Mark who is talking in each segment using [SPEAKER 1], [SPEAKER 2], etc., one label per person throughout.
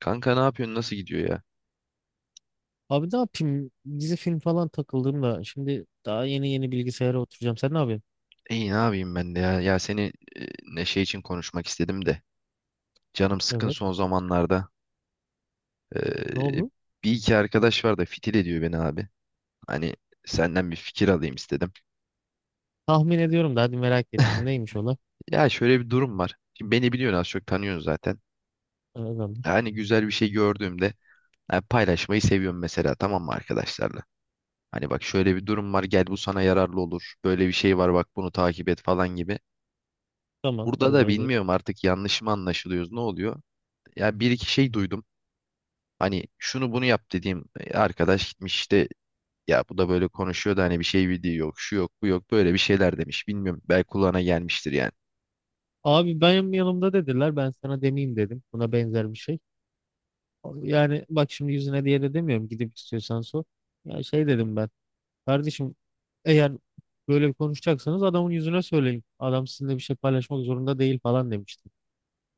[SPEAKER 1] Kanka ne yapıyorsun? Nasıl gidiyor ya?
[SPEAKER 2] Abi ne yapayım? Dizi film falan takıldım da şimdi daha yeni yeni bilgisayara oturacağım. Sen ne yapıyorsun?
[SPEAKER 1] İyi ne yapayım ben de ya. Ya seni e, Neşe için konuşmak istedim de. Canım sıkkın
[SPEAKER 2] Evet.
[SPEAKER 1] son zamanlarda.
[SPEAKER 2] Ne
[SPEAKER 1] Ee,
[SPEAKER 2] oldu?
[SPEAKER 1] Bir iki arkadaş var da fitil ediyor beni abi. Hani senden bir fikir alayım istedim.
[SPEAKER 2] Tahmin ediyorum da hadi merak ettim. Neymiş ola?
[SPEAKER 1] Ya şöyle bir durum var. Şimdi beni biliyorsun, az çok tanıyorsun zaten.
[SPEAKER 2] Evet.
[SPEAKER 1] Hani güzel bir şey gördüğümde yani paylaşmayı seviyorum mesela, tamam mı arkadaşlarla? Hani bak şöyle bir durum var, gel bu sana yararlı olur. Böyle bir şey var bak, bunu takip et falan gibi.
[SPEAKER 2] Tamam
[SPEAKER 1] Burada
[SPEAKER 2] doğru
[SPEAKER 1] da
[SPEAKER 2] evet.
[SPEAKER 1] bilmiyorum artık, yanlış mı anlaşılıyoruz, ne oluyor? Ya bir iki şey duydum. Hani şunu bunu yap dediğim arkadaş gitmiş işte, ya bu da böyle konuşuyor da hani bir şey bildiği yok, şu yok, bu yok, böyle bir şeyler demiş. Bilmiyorum, belki kulağına gelmiştir yani.
[SPEAKER 2] Abi benim yanımda dediler ben sana demeyeyim dedim. Buna benzer bir şey. Yani bak şimdi yüzüne diye de demiyorum, gidip istiyorsan sor. Ya şey dedim ben. Kardeşim eğer böyle bir konuşacaksanız adamın yüzüne söyleyin. Adam sizinle bir şey paylaşmak zorunda değil falan demiştim.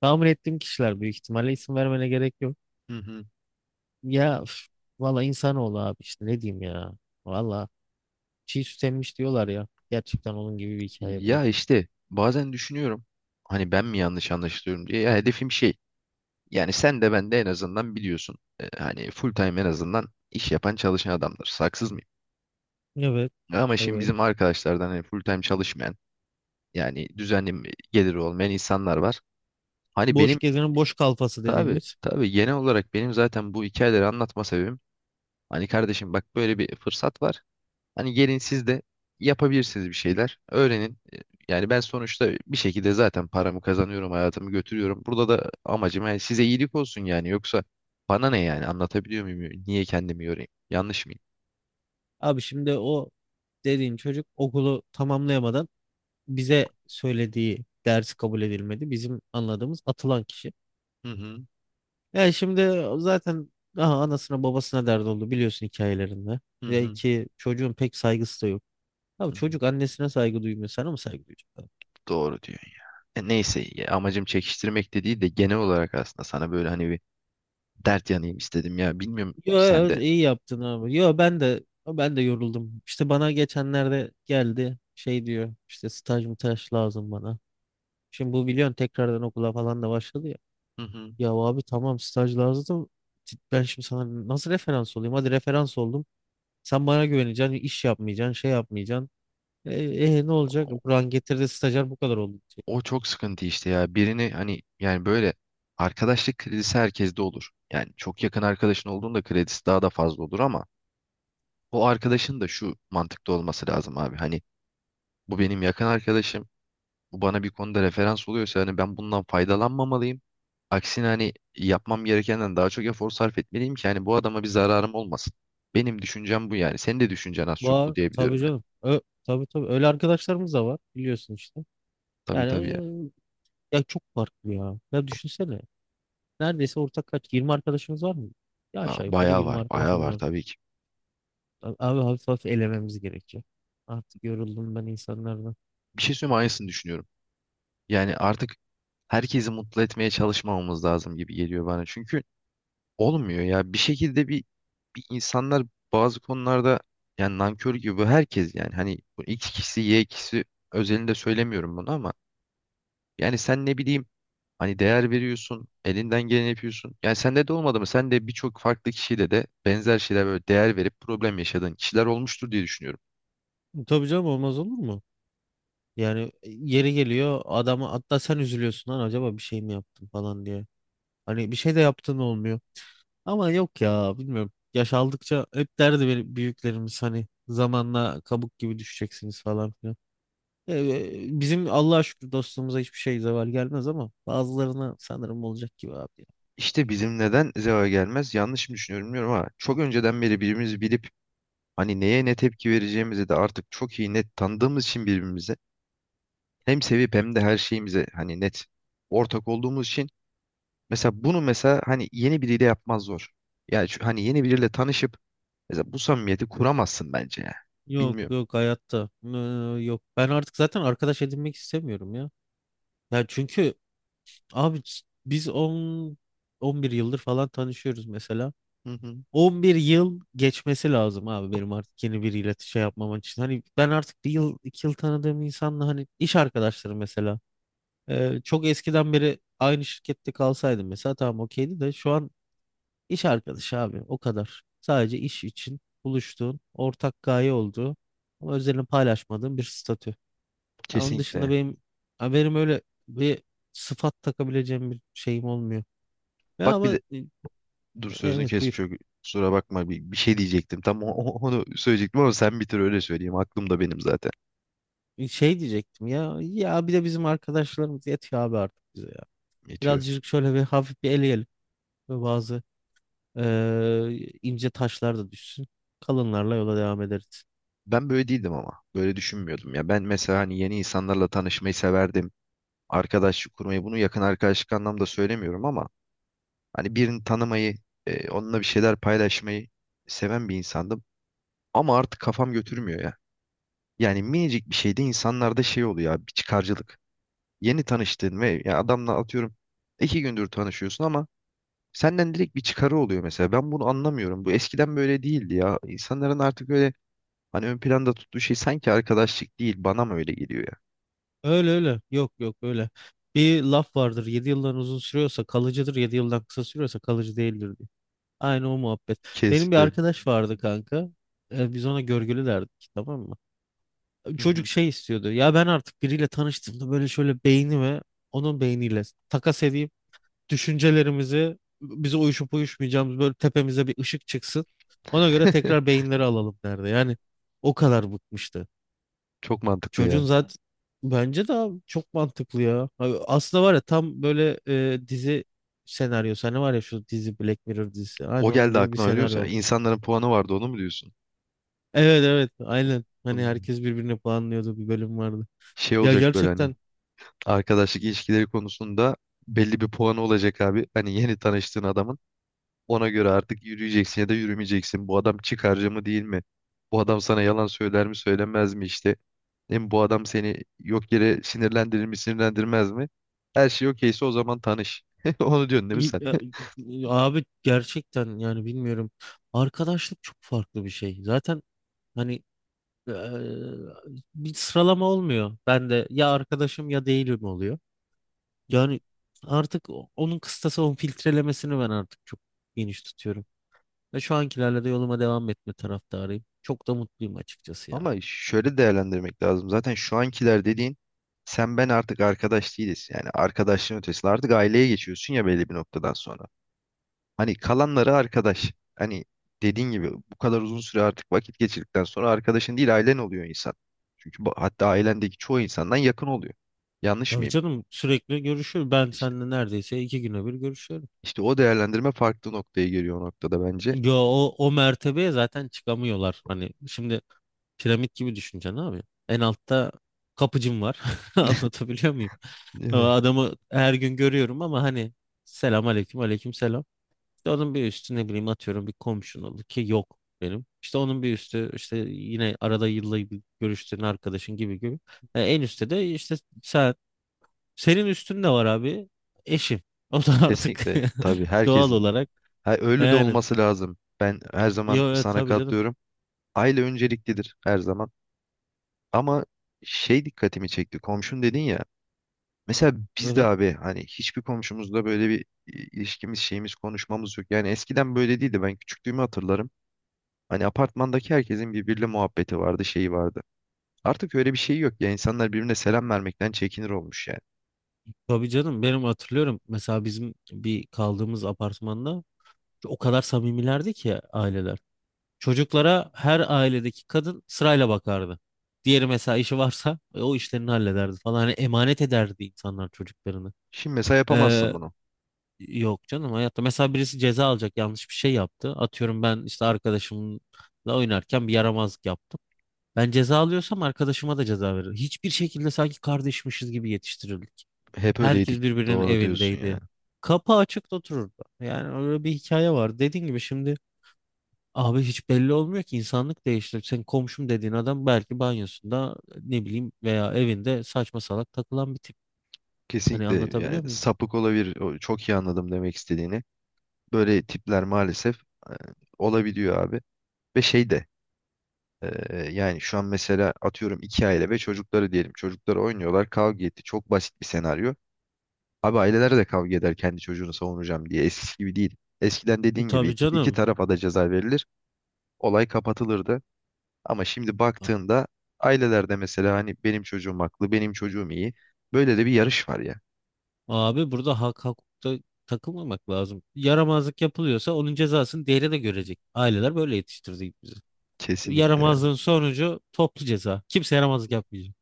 [SPEAKER 2] Tahmin ettiğim kişiler büyük ihtimalle, isim vermene gerek yok.
[SPEAKER 1] Hı hı.
[SPEAKER 2] Ya üf, valla insanoğlu abi işte ne diyeyim ya. Valla çiğ süt emmiş diyorlar ya. Gerçekten onun gibi bir hikaye bu da.
[SPEAKER 1] Ya işte bazen düşünüyorum hani ben mi yanlış anlaşılıyorum diye. Ya hedefim şey, yani sen de ben de en azından biliyorsun. Hani full time en azından iş yapan, çalışan adamdır. Haksız mıyım?
[SPEAKER 2] Evet.
[SPEAKER 1] Ama şimdi
[SPEAKER 2] Evet.
[SPEAKER 1] bizim arkadaşlardan hani full time çalışmayan, yani düzenli geliri olmayan insanlar var. Hani
[SPEAKER 2] Boş
[SPEAKER 1] benim,
[SPEAKER 2] gezenin boş kalfası
[SPEAKER 1] tabii
[SPEAKER 2] dediğimiz.
[SPEAKER 1] tabii, genel olarak benim zaten bu hikayeleri anlatma sebebim, hani kardeşim bak böyle bir fırsat var. Hani gelin siz de yapabilirsiniz bir şeyler. Öğrenin. E, yani ben sonuçta bir şekilde zaten paramı kazanıyorum, hayatımı götürüyorum. Burada da amacım yani size iyilik olsun yani. Yoksa bana ne yani, anlatabiliyor muyum? Niye kendimi yorayım? Yanlış mıyım?
[SPEAKER 2] Abi şimdi o dediğin çocuk okulu tamamlayamadan bize söylediği ders kabul edilmedi. Bizim anladığımız atılan kişi.
[SPEAKER 1] Hı hı,
[SPEAKER 2] Yani şimdi o zaten daha anasına babasına dert oldu biliyorsun hikayelerinde.
[SPEAKER 1] hı
[SPEAKER 2] Ve
[SPEAKER 1] hı,
[SPEAKER 2] ki çocuğun pek saygısı da yok. Abi
[SPEAKER 1] hı hı.
[SPEAKER 2] çocuk annesine saygı duymuyor. Sana mı saygı duyacak?
[SPEAKER 1] Doğru diyor. E neyse, ya amacım çekiştirmek de değil de genel olarak aslında sana böyle hani bir dert yanayım istedim ya. Bilmiyorum
[SPEAKER 2] Yo,
[SPEAKER 1] sen
[SPEAKER 2] yo,
[SPEAKER 1] de.
[SPEAKER 2] iyi yaptın abi. Yo ben de yoruldum. İşte bana geçenlerde geldi, şey diyor işte, staj mı taş lazım bana. Şimdi bu biliyorsun tekrardan okula falan da başladı ya.
[SPEAKER 1] Hı hı.
[SPEAKER 2] Ya abi tamam, staj lazım. Ben şimdi sana nasıl referans olayım? Hadi referans oldum. Sen bana güveneceksin, iş yapmayacaksın, şey yapmayacaksın. E, ne olacak? Buran getirdi stajyer bu kadar oldu diyecek.
[SPEAKER 1] O çok sıkıntı işte ya. Birini hani yani böyle, arkadaşlık kredisi herkeste olur. Yani çok yakın arkadaşın olduğunda kredisi daha da fazla olur ama o arkadaşın da şu mantıkta olması lazım abi. Hani bu benim yakın arkadaşım. Bu bana bir konuda referans oluyorsa hani ben bundan faydalanmamalıyım. Aksine hani yapmam gerekenden daha çok efor sarf etmeliyim ki hani bu adama bir zararım olmasın. Benim düşüncem bu yani. Senin de düşüncen az çok bu
[SPEAKER 2] Var tabii
[SPEAKER 1] diyebiliyorum ya.
[SPEAKER 2] canım. Tabii tabii öyle arkadaşlarımız da var biliyorsun işte.
[SPEAKER 1] Tabii tabii
[SPEAKER 2] Yani
[SPEAKER 1] ya.
[SPEAKER 2] ya, ya çok farklı ya. Ya düşünsene. Neredeyse ortak kaç, 20 arkadaşımız var mı? Ya
[SPEAKER 1] Ya
[SPEAKER 2] aşağı yukarı
[SPEAKER 1] bayağı
[SPEAKER 2] 20
[SPEAKER 1] var, bayağı
[SPEAKER 2] arkadaşımız
[SPEAKER 1] var
[SPEAKER 2] var.
[SPEAKER 1] tabii ki.
[SPEAKER 2] Abi hafif hafif elememiz gerekecek. Artık yoruldum ben insanlardan.
[SPEAKER 1] Bir şey söyleyeyim mi? Aynısını düşünüyorum. Yani artık herkesi mutlu etmeye çalışmamamız lazım gibi geliyor bana. Çünkü olmuyor ya. Bir şekilde bir insanlar bazı konularda yani nankör gibi bu, herkes yani, hani bu X kişisi Y kişisi özelinde söylemiyorum bunu ama yani sen ne bileyim hani değer veriyorsun, elinden geleni yapıyorsun. Yani sende de olmadı mı? Sen de birçok farklı kişiyle de benzer şeyler, böyle değer verip problem yaşadığın kişiler olmuştur diye düşünüyorum.
[SPEAKER 2] Tabii canım, olmaz olur mu? Yani yeri geliyor, adama hatta sen üzülüyorsun, lan acaba bir şey mi yaptın falan diye. Hani bir şey de yaptın, olmuyor. Ama yok ya bilmiyorum. Yaş aldıkça hep derdi benim büyüklerimiz, hani zamanla kabuk gibi düşeceksiniz falan filan. Bizim Allah'a şükür dostluğumuza hiçbir şey zeval gelmez, ama bazılarına sanırım olacak gibi abi.
[SPEAKER 1] İşte bizim neden zeva gelmez, yanlış mı düşünüyorum bilmiyorum ama çok önceden beri birbirimizi bilip, hani neye ne tepki vereceğimizi de artık çok iyi net tanıdığımız için birbirimize, hem sevip hem de her şeyimize hani net ortak olduğumuz için, mesela bunu mesela hani yeni biriyle yapmaz zor. Yani hani yeni biriyle tanışıp mesela bu samimiyeti kuramazsın bence ya.
[SPEAKER 2] Yok
[SPEAKER 1] Bilmiyorum.
[SPEAKER 2] yok hayatta. Yok. Ben artık zaten arkadaş edinmek istemiyorum ya. Ya çünkü abi, biz 11 yıldır falan tanışıyoruz mesela.
[SPEAKER 1] Hı hı.
[SPEAKER 2] 11 yıl geçmesi lazım abi benim artık yeni biriyle şey yapmam için. Hani ben artık bir yıl iki yıl tanıdığım insanla, hani iş arkadaşları mesela. Çok eskiden beri aynı şirkette kalsaydım mesela tamam okeydi, de şu an iş arkadaşı abi, o kadar. Sadece iş için buluştuğun, ortak gaye olduğu ama özelini paylaşmadığın bir statü. Ya onun dışında
[SPEAKER 1] Kesinlikle.
[SPEAKER 2] benim haberim öyle bir sıfat takabileceğim bir şeyim olmuyor. Ya
[SPEAKER 1] Bak bir
[SPEAKER 2] ama
[SPEAKER 1] de, dur sözünü
[SPEAKER 2] evet
[SPEAKER 1] kesip,
[SPEAKER 2] buyur.
[SPEAKER 1] çok kusura bakma, bir şey diyecektim. Tam onu söyleyecektim ama sen bitir öyle söyleyeyim. Aklımda benim zaten
[SPEAKER 2] Şey diyecektim ya, ya bir de bizim arkadaşlarımız yetiyor abi artık bize ya.
[SPEAKER 1] yetiyor.
[SPEAKER 2] Birazcık şöyle bir hafif bir eleyelim ve bazı ince taşlar da düşsün. Kalınlarla yola devam ederiz.
[SPEAKER 1] Ben böyle değildim ama. Böyle düşünmüyordum ya. Ben mesela hani yeni insanlarla tanışmayı severdim. Arkadaşlık kurmayı, bunu yakın arkadaşlık anlamda söylemiyorum ama hani birini tanımayı, onunla bir şeyler paylaşmayı seven bir insandım ama artık kafam götürmüyor ya. Yani minicik bir şeyde insanlarda şey oluyor abi, bir çıkarcılık. Yeni tanıştığın ve ya adamla, atıyorum iki gündür tanışıyorsun ama senden direkt bir çıkarı oluyor mesela. Ben bunu anlamıyorum. Bu eskiden böyle değildi ya. İnsanların artık öyle hani ön planda tuttuğu şey sanki arkadaşlık değil. Bana mı öyle geliyor ya?
[SPEAKER 2] Öyle öyle. Yok yok öyle. Bir laf vardır. 7 yıldan uzun sürüyorsa kalıcıdır. 7 yıldan kısa sürüyorsa kalıcı değildir. Aynı o muhabbet. Benim bir
[SPEAKER 1] Kesinlikle.
[SPEAKER 2] arkadaş vardı kanka. Biz ona görgülü derdik, tamam mı?
[SPEAKER 1] Hı
[SPEAKER 2] Çocuk
[SPEAKER 1] hı.
[SPEAKER 2] şey istiyordu. Ya ben artık biriyle tanıştığımda böyle, şöyle beynimi onun beyniyle takas edeyim. Düşüncelerimizi, bize uyuşup uyuşmayacağımız, böyle tepemize bir ışık çıksın. Ona göre tekrar beyinleri alalım derdi. Yani o kadar bıkmıştı.
[SPEAKER 1] Çok mantıklı ya.
[SPEAKER 2] Çocuğun zaten bence de abi, çok mantıklı ya. Abi aslında var ya tam böyle dizi senaryosu. Hani var ya şu dizi, Black Mirror dizisi.
[SPEAKER 1] O
[SPEAKER 2] Aynı onun
[SPEAKER 1] geldi
[SPEAKER 2] gibi bir
[SPEAKER 1] aklına, biliyor musun?
[SPEAKER 2] senaryo.
[SPEAKER 1] İnsanların puanı vardı, onu mu diyorsun?
[SPEAKER 2] Evet evet aynen. Hani
[SPEAKER 1] Bunun
[SPEAKER 2] herkes birbirine puanlıyordu, bir bölüm vardı.
[SPEAKER 1] şey
[SPEAKER 2] Ya
[SPEAKER 1] olacak, böyle hani
[SPEAKER 2] gerçekten
[SPEAKER 1] arkadaşlık ilişkileri konusunda belli bir puanı olacak abi. Hani yeni tanıştığın adamın ona göre artık yürüyeceksin ya da yürümeyeceksin. Bu adam çıkarcı mı değil mi? Bu adam sana yalan söyler mi söylemez mi işte? Değil mi? Bu adam seni yok yere sinirlendirir mi sinirlendirmez mi? Her şey okeyse o zaman tanış. Onu diyorsun değil mi
[SPEAKER 2] i-
[SPEAKER 1] sen?
[SPEAKER 2] ya- abi gerçekten yani bilmiyorum. Arkadaşlık çok farklı bir şey. Zaten hani eee, bir sıralama olmuyor. Ben de ya arkadaşım ya değilim oluyor. Yani artık onun kıstası, onun filtrelemesini ben artık çok geniş tutuyorum. Ve şu ankilerle de yoluma devam etme taraftarıyım. Çok da mutluyum açıkçası ya.
[SPEAKER 1] Ama şöyle değerlendirmek lazım. Zaten şu ankiler dediğin, sen ben artık arkadaş değiliz. Yani arkadaşlığın ötesinde artık aileye geçiyorsun ya belli bir noktadan sonra. Hani kalanları arkadaş. Hani dediğin gibi bu kadar uzun süre artık vakit geçirdikten sonra arkadaşın değil ailen oluyor insan. Çünkü bu, hatta ailendeki çoğu insandan yakın oluyor. Yanlış
[SPEAKER 2] Tabii
[SPEAKER 1] mıyım?
[SPEAKER 2] canım, sürekli görüşüyor. Ben
[SPEAKER 1] İşte,
[SPEAKER 2] seninle neredeyse 2 güne bir görüşüyorum.
[SPEAKER 1] işte o değerlendirme farklı noktaya geliyor o noktada bence.
[SPEAKER 2] Yo, o mertebeye zaten çıkamıyorlar. Hani şimdi piramit gibi düşüneceksin abi. En altta kapıcım var. Anlatabiliyor muyum? O
[SPEAKER 1] Evet.
[SPEAKER 2] adamı her gün görüyorum, ama hani selam aleyküm, aleyküm selam. İşte onun bir üstü, ne bileyim atıyorum bir komşun oldu ki, yok benim. İşte onun bir üstü işte yine arada yılda bir görüştüğün arkadaşın gibi gibi. En üstte de işte sen. Senin üstün de var abi. Eşim. O da artık
[SPEAKER 1] Kesinlikle tabii
[SPEAKER 2] doğal
[SPEAKER 1] herkesin.
[SPEAKER 2] olarak
[SPEAKER 1] Ha, öyle de
[SPEAKER 2] yani.
[SPEAKER 1] olması lazım. Ben her zaman
[SPEAKER 2] Yo, yo,
[SPEAKER 1] sana
[SPEAKER 2] tabii canım.
[SPEAKER 1] katılıyorum. Aile önceliklidir her zaman. Ama şey dikkatimi çekti. Komşun dedin ya. Mesela biz de
[SPEAKER 2] Evet.
[SPEAKER 1] abi hani hiçbir komşumuzla böyle bir i- ilişkimiz, şeyimiz, konuşmamız yok. Yani eskiden böyle değildi. Ben küçüklüğümü hatırlarım. Hani apartmandaki herkesin birbiriyle muhabbeti vardı, şeyi vardı. Artık öyle bir şey yok ya. İnsanlar birbirine selam vermekten çekinir olmuş yani.
[SPEAKER 2] Tabii canım, benim hatırlıyorum mesela bizim bir kaldığımız apartmanda o kadar samimilerdi ki aileler. Çocuklara her ailedeki kadın sırayla bakardı. Diğeri mesela işi varsa o işlerini hallederdi falan. Hani emanet ederdi insanlar çocuklarını.
[SPEAKER 1] Şimdi mesela
[SPEAKER 2] Ee,
[SPEAKER 1] yapamazsın bunu.
[SPEAKER 2] yok canım hayatta. Mesela birisi ceza alacak, yanlış bir şey yaptı. Atıyorum ben işte arkadaşımla oynarken bir yaramazlık yaptım. Ben ceza alıyorsam arkadaşıma da ceza veririm. Hiçbir şekilde, sanki kardeşmişiz gibi yetiştirildik.
[SPEAKER 1] Hep
[SPEAKER 2] Herkes
[SPEAKER 1] öyleydik.
[SPEAKER 2] birbirinin
[SPEAKER 1] Doğru diyorsun ya.
[SPEAKER 2] evindeydi. Kapı açık da otururdu. Yani öyle bir hikaye var. Dediğin gibi şimdi abi, hiç belli olmuyor ki, insanlık değişti. Sen komşum dediğin adam belki banyosunda, ne bileyim, veya evinde saçma salak takılan bir tip. Hani
[SPEAKER 1] Kesinlikle, yani
[SPEAKER 2] anlatabiliyor muyum?
[SPEAKER 1] sapık olabilir. Çok iyi anladım demek istediğini. Böyle tipler maalesef, e, olabiliyor abi. Ve şey de, yani şu an mesela atıyorum iki aile ve çocukları diyelim. Çocukları oynuyorlar, kavga etti. Çok basit bir senaryo. Abi aileler de kavga eder, kendi çocuğunu savunacağım diye. Eskisi gibi değil. Eskiden dediğin gibi
[SPEAKER 2] Tabii
[SPEAKER 1] iki, iki
[SPEAKER 2] canım.
[SPEAKER 1] tarafa da ceza verilir. Olay kapatılırdı. Ama şimdi
[SPEAKER 2] A-
[SPEAKER 1] baktığında ailelerde mesela hani benim çocuğum haklı, benim çocuğum iyi. Böyle de bir yarış var ya.
[SPEAKER 2] Abi burada hak hukukta takılmamak lazım. Yaramazlık yapılıyorsa onun cezasını diğeri de görecek. Aileler böyle yetiştirdi bizi.
[SPEAKER 1] Kesinlikle ya.
[SPEAKER 2] Yaramazlığın sonucu toplu ceza. Kimse yaramazlık yapmayacak.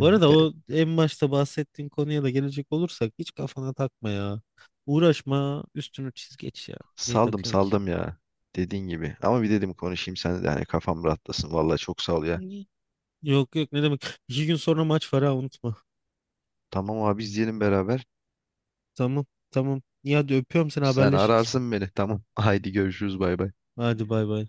[SPEAKER 2] Bu arada, o en başta bahsettiğin konuya da gelecek olursak, hiç kafana takma ya. Uğraşma, üstünü çiz geç ya. Niye
[SPEAKER 1] saldım
[SPEAKER 2] takıyorsun ki?
[SPEAKER 1] saldım ya. Dediğin gibi. Ama bir dedim konuşayım sen de, hani kafam rahatlasın. Vallahi çok sağ ol ya.
[SPEAKER 2] İyi. Yok yok ne demek. 2 gün sonra maç var, ha unutma.
[SPEAKER 1] Tamam abi, izleyelim beraber.
[SPEAKER 2] Tamam tamam. İyi hadi öpüyorum seni,
[SPEAKER 1] Sen
[SPEAKER 2] haberleşiriz.
[SPEAKER 1] ararsın beni. Tamam. Haydi görüşürüz, bay bay.
[SPEAKER 2] Hadi bay bay.